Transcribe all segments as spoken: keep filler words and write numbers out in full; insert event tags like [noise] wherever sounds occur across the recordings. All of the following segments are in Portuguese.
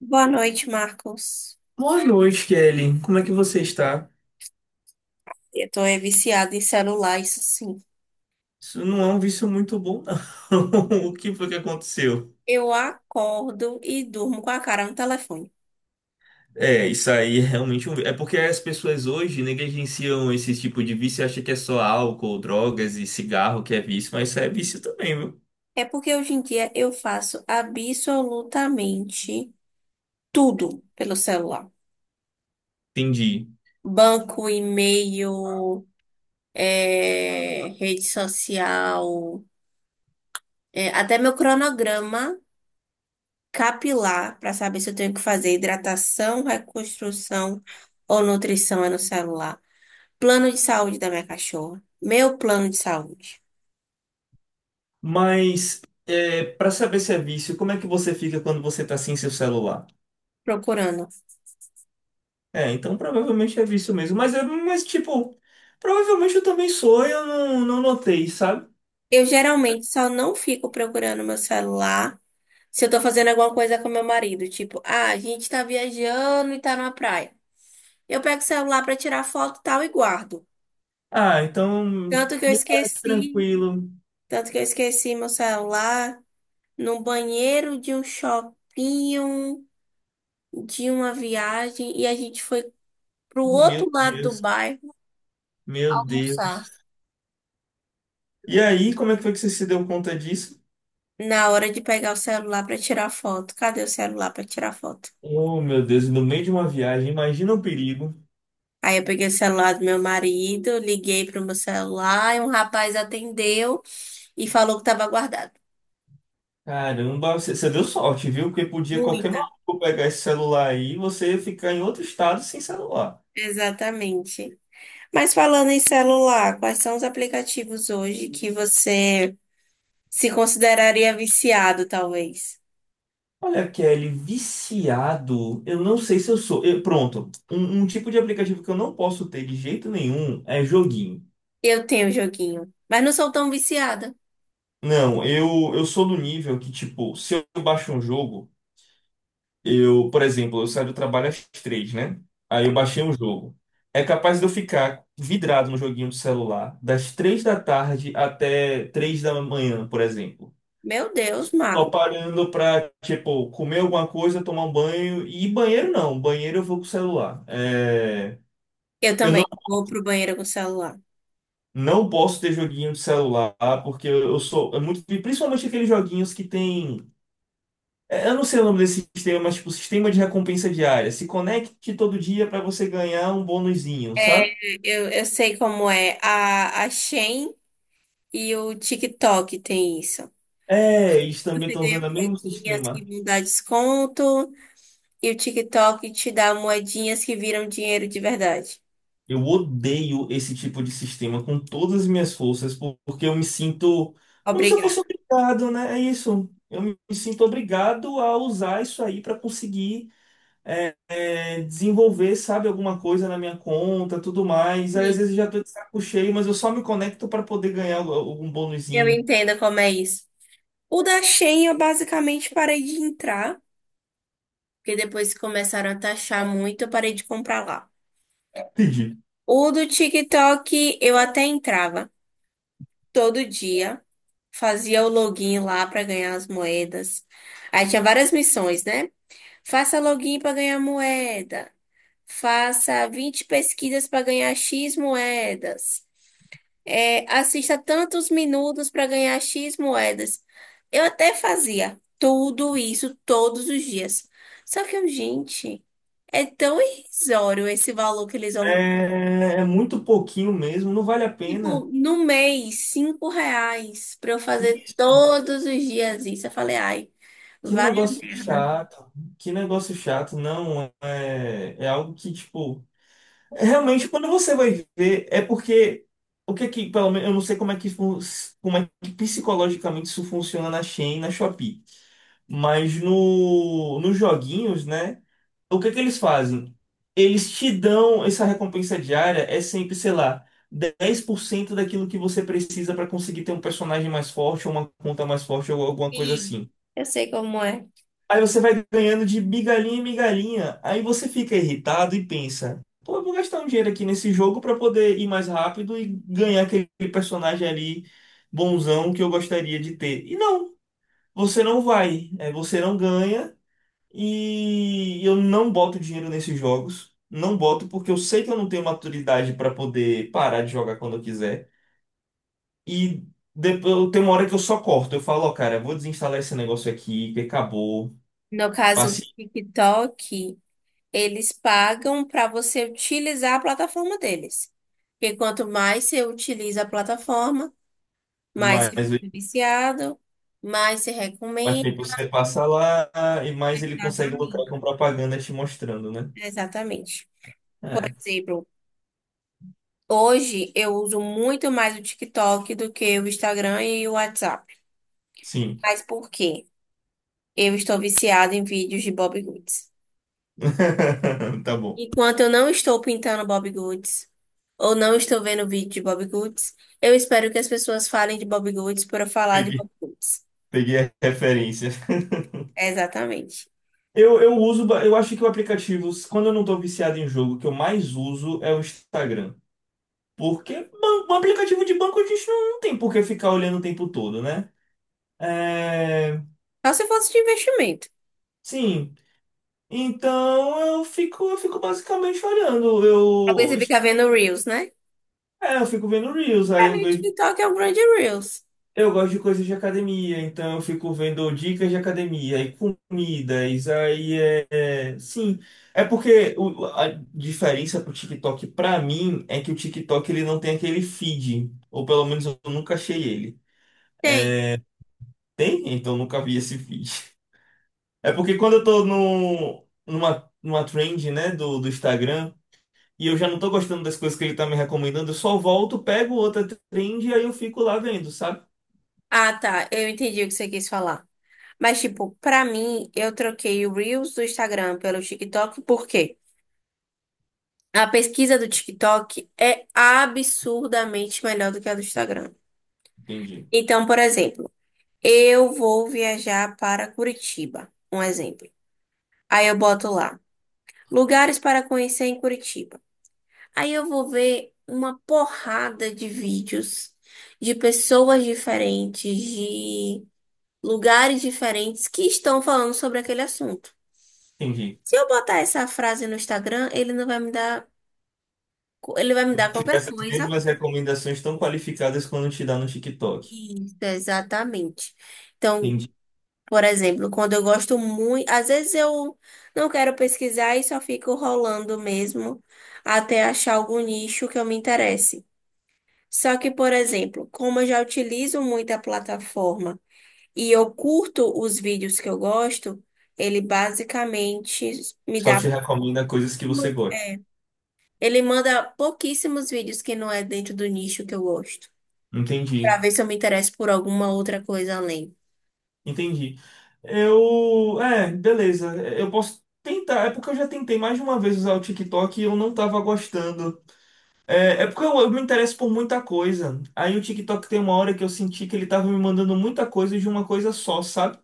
Boa noite, Marcos. Boa noite, Kelly. Como é que você está? Eu tô é, viciada em celular, isso sim. Isso não é um vício muito bom, não. [laughs] O que foi que aconteceu? Eu acordo e durmo com a cara no telefone. É, isso aí é realmente um... vi- É porque as pessoas hoje negligenciam esse tipo de vício e acham que é só álcool, drogas e cigarro que é vício, mas isso é vício também, viu? É porque hoje em dia eu faço absolutamente tudo pelo celular. Entendi. Banco, e-mail, é, rede social, é, até meu cronograma capilar para saber se eu tenho que fazer hidratação, reconstrução ou nutrição é no celular. Plano de saúde da minha cachorra. Meu plano de saúde. Mas, é, para saber se é vício, como é que você fica quando você tá sem seu celular? Procurando. É, então provavelmente é vício mesmo. Mas, é, mas tipo, provavelmente eu também sou e eu não, não notei, sabe? Eu geralmente só não fico procurando meu celular se eu tô fazendo alguma coisa com meu marido. Tipo, ah, a gente tá viajando e tá na praia. Eu pego o celular pra tirar foto e tal e guardo. Ah, então Tanto que eu me parece esqueci, tranquilo. tanto que eu esqueci meu celular no banheiro de um shopping de uma viagem e a gente foi pro Meu outro lado do Deus, bairro meu almoçar. Deus. E aí, como é que foi que você se deu conta disso? Na hora de pegar o celular para tirar foto. Cadê o celular para tirar foto? Oh, meu Deus, no meio de uma viagem, imagina o perigo. Aí eu peguei o celular do meu marido, liguei pro meu celular e um rapaz atendeu e falou que estava guardado. Caramba, você, você deu sorte, viu? Porque podia qualquer Muita. maluco pegar esse celular aí e você ficar em outro estado sem celular. Exatamente. Mas falando em celular, quais são os aplicativos hoje que você se consideraria viciado, talvez? Olha, Kelly, viciado, eu não sei se eu sou. Eu- pronto, um, um tipo de aplicativo que eu não posso ter de jeito nenhum é joguinho. Eu tenho joguinho, mas não sou tão viciada. Não, eu, eu sou do nível que, tipo, se eu baixo um jogo. Eu, por exemplo, eu saio do trabalho às três, né? Aí eu baixei um jogo. É capaz de eu ficar vidrado no joguinho do celular das três da tarde até três da manhã, por exemplo. Meu Deus, Tô Marco. parando pra, tipo, comer alguma coisa, tomar um banho. E banheiro não, banheiro eu vou com o celular. É, Eu Eu não, também vou pro banheiro com o celular. não posso ter joguinho de celular, porque eu eu sou é muito, principalmente aqueles joguinhos que tem É, eu não sei o nome desse sistema, mas tipo, sistema de recompensa diária. Se conecte todo dia para você ganhar um bônusinho, É, sabe? eu, eu sei como é. A, a Shein e o TikTok tem isso. É, eles também Você estão ganha usando o mesmo moedinhas que sistema. vão dar desconto, e o TikTok te dá moedinhas que viram dinheiro de verdade. Eu odeio esse tipo de sistema com todas as minhas forças, por- porque eu me sinto como se eu Obrigada. fosse obrigado, né? É isso. Eu me me sinto obrigado a usar isso aí para conseguir é, é, desenvolver, sabe, alguma coisa na minha conta, tudo mais. Aí, às Sim. vezes eu já tô de saco cheio, mas eu só me conecto para poder ganhar algum Eu bônusinho. entendo como é isso. O da Shein eu basicamente parei de entrar, porque depois que começaram a taxar muito, eu parei de comprar lá. Entendi. O do TikTok eu até entrava todo dia, fazia o login lá para ganhar as moedas. Aí tinha várias missões, né? Faça login para ganhar moeda. Faça vinte pesquisas para ganhar X moedas. É, assista tantos minutos para ganhar X moedas. Eu até fazia tudo isso todos os dias. Só que, eu, gente, é tão irrisório esse valor que eles vão. É, é muito pouquinho mesmo, não vale a pena. Tipo, no mês, cinco reais para eu fazer Isso. todos os dias isso. Eu falei, ai, Que vai a negócio merda. chato. Que negócio chato. Não, é, é algo que, tipo, realmente quando você vai ver, é porque o que é que, pelo menos, eu não sei como é que, fun- como é que psicologicamente isso funciona na Shein, e na Shopee. Mas no, nos joguinhos, né? O que é que eles fazem? Eles te dão essa recompensa diária, é sempre, sei lá, dez por cento daquilo que você precisa para conseguir ter um personagem mais forte, ou uma conta mais forte, ou alguma coisa E assim. eu sei como é. Aí você vai ganhando de migalhinha em migalhinha, aí você fica irritado e pensa, pô, eu vou gastar um dinheiro aqui nesse jogo para poder ir mais rápido e ganhar aquele personagem ali bonzão que eu gostaria de ter. E não, você não vai, é, você não ganha. E eu não boto dinheiro nesses jogos. Não boto porque eu sei que eu não tenho maturidade para poder parar de jogar quando eu quiser. E depois eu tenho uma hora que eu só corto. Eu falo, ó, cara, vou desinstalar esse negócio aqui, que acabou. No caso Passe do TikTok. Eles pagam para você utilizar a plataforma deles. Porque quanto mais você utiliza a plataforma, mais você mais, fica viciado, mais se mais recomenda. tempo você passa lá e mais ele consegue lucrar Exatamente. com propaganda te mostrando, né? Exatamente. Por É, exemplo, hoje eu uso muito mais o TikTok do que o Instagram e o WhatsApp. sim. Mas por quê? Eu estou viciada em vídeos de Bob Goods. [laughs] Tá bom. Enquanto eu não estou pintando Bob Goods ou não estou vendo vídeo de Bob Goods, eu espero que as pessoas falem de Bob Goods para eu falar de Peguei, Bob Goods. peguei a referência. Exatamente. Eu, eu uso, ba- eu acho que o aplicativo, quando eu não tô viciado em jogo, o que eu mais uso é o Instagram. Porque ban- um aplicativo de banco a gente não, não tem por que ficar olhando o tempo todo, né? É, Só se fosse de investimento. sim. Então eu fico, eu fico basicamente olhando. Porque Eu, você fica vendo Reels, né? é, eu fico vendo Reels, aí Pra eu mim, o vejo. TikTok é um grande Reels. Eu gosto de coisas de academia, então eu fico vendo dicas de academia e comidas. Aí é, é, sim. É porque o- a diferença pro TikTok pra mim é que o TikTok ele não tem aquele feed, ou pelo menos eu nunca achei ele. Tem. Tem? Então eu nunca vi esse feed. É porque quando eu tô no, numa, numa trend, né, do, do Instagram, e eu já não tô gostando das coisas que ele tá me recomendando, eu só volto, pego outra trend e aí eu fico lá vendo, sabe? Ah, tá. Eu entendi o que você quis falar. Mas, tipo, pra mim, eu troquei o Reels do Instagram pelo TikTok, por quê? A pesquisa do TikTok é absurdamente melhor do que a do Instagram. Entendi. Então, por exemplo, eu vou viajar para Curitiba. Um exemplo. Aí eu boto lá. Lugares para conhecer em Curitiba. Aí eu vou ver uma porrada de vídeos de pessoas diferentes, de lugares diferentes que estão falando sobre aquele assunto. Entendi. Se eu botar essa frase no Instagram, ele não vai me dar, ele vai me dar qualquer Essas coisa. mesmas recomendações tão qualificadas quando te dá no TikTok. Isso, exatamente. Então, Entendi. por exemplo, quando eu gosto muito, às vezes eu não quero pesquisar e só fico rolando mesmo até achar algum nicho que eu me interesse. Só que, por exemplo, como eu já utilizo muito a plataforma e eu curto os vídeos que eu gosto, ele basicamente me Só dá. te recomenda coisas que você gosta. É, ele manda pouquíssimos vídeos que não é dentro do nicho que eu gosto, para Entendi. ver se eu me interesso por alguma outra coisa além. Entendi. Eu. É, beleza. Eu posso tentar. É porque eu já tentei mais de uma vez usar o TikTok e eu não tava gostando. É, é porque eu, eu me interesso por muita coisa. Aí o TikTok tem uma hora que eu senti que ele tava me mandando muita coisa de uma coisa só, sabe?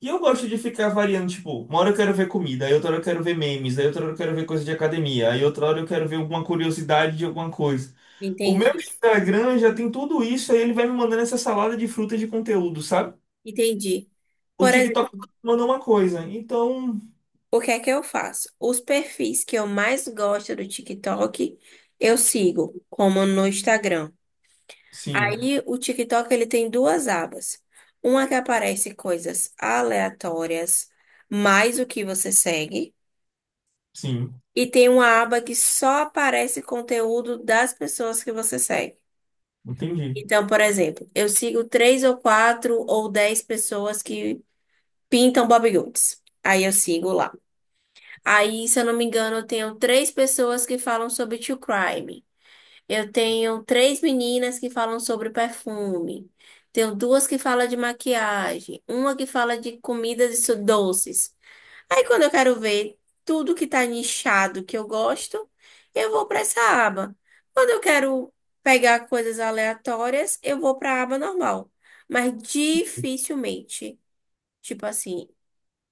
E eu gosto de ficar variando, tipo, uma hora eu quero ver comida, aí outra hora eu quero ver memes, aí outra hora eu quero ver coisa de academia, aí outra hora eu quero ver alguma curiosidade de alguma coisa. O meu Entendi, Instagram já tem tudo isso, aí ele vai me mandando essa salada de frutas de conteúdo, sabe? entendi. O Por TikTok exemplo, mandou uma coisa. Então, o que é que eu faço? Os perfis que eu mais gosto do TikTok, eu sigo, como no Instagram. sim, Aí o TikTok ele tem duas abas. Uma que aparece coisas aleatórias, mais o que você segue, sim, e tem uma aba que só aparece conteúdo das pessoas que você segue. entendi. Então, por exemplo, eu sigo três ou quatro ou dez pessoas que pintam bodybuilds. Aí eu sigo lá. Aí, se eu não me engano, eu tenho três pessoas que falam sobre true crime. Eu tenho três meninas que falam sobre perfume. Tenho duas que falam de maquiagem, uma que fala de comidas e su- doces. Aí quando eu quero ver tudo que tá nichado que eu gosto, eu vou para essa aba. Quando eu quero pegar coisas aleatórias, eu vou para a aba normal. Mas dificilmente, tipo assim,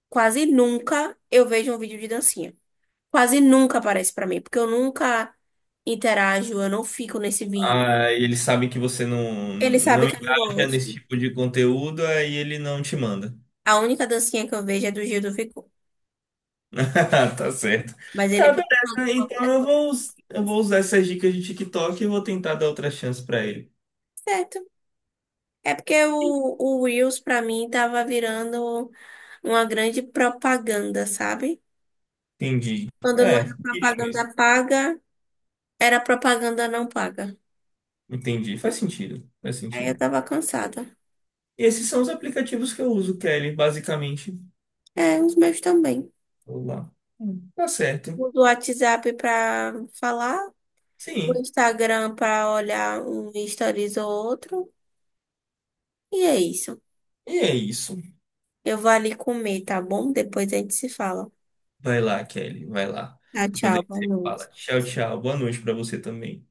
quase nunca eu vejo um vídeo de dancinha. Quase nunca aparece para mim, porque eu nunca interajo, eu não fico nesse vídeo. Ah, e eles sabem que você não, Ele sabe não que eu não engaja nesse gosto. tipo de conteúdo, aí ele não te manda. A única dancinha que eu vejo é do Gil do Vigor. [laughs] Tá certo. Mas Tá, ele pode fazer beleza. Então qualquer eu coisa vou, us- assim. eu vou usar essas dicas de TikTok e vou tentar dar outra chance pra ele. Certo. É porque o, o Reels, pra mim, tava virando uma grande propaganda, sabe? Entendi. Quando não É, era diria mesmo. propaganda paga, era propaganda não paga. Entendi. Faz sentido. Faz Aí sentido. eu tava cansada. Esses são os aplicativos que eu uso, Kelly, basicamente. É, os meus também. Vou lá. Hum, Tá certo. Uso o WhatsApp pra falar, o Sim. Instagram pra olhar um stories ou outro. E é isso. E é isso. Eu vou ali comer, tá bom? Depois a gente se fala. Vai lá, Kelly. Vai lá. Tchau, Depois a tchau, gente boa se fala. noite. Tchau, tchau. Boa noite pra você também.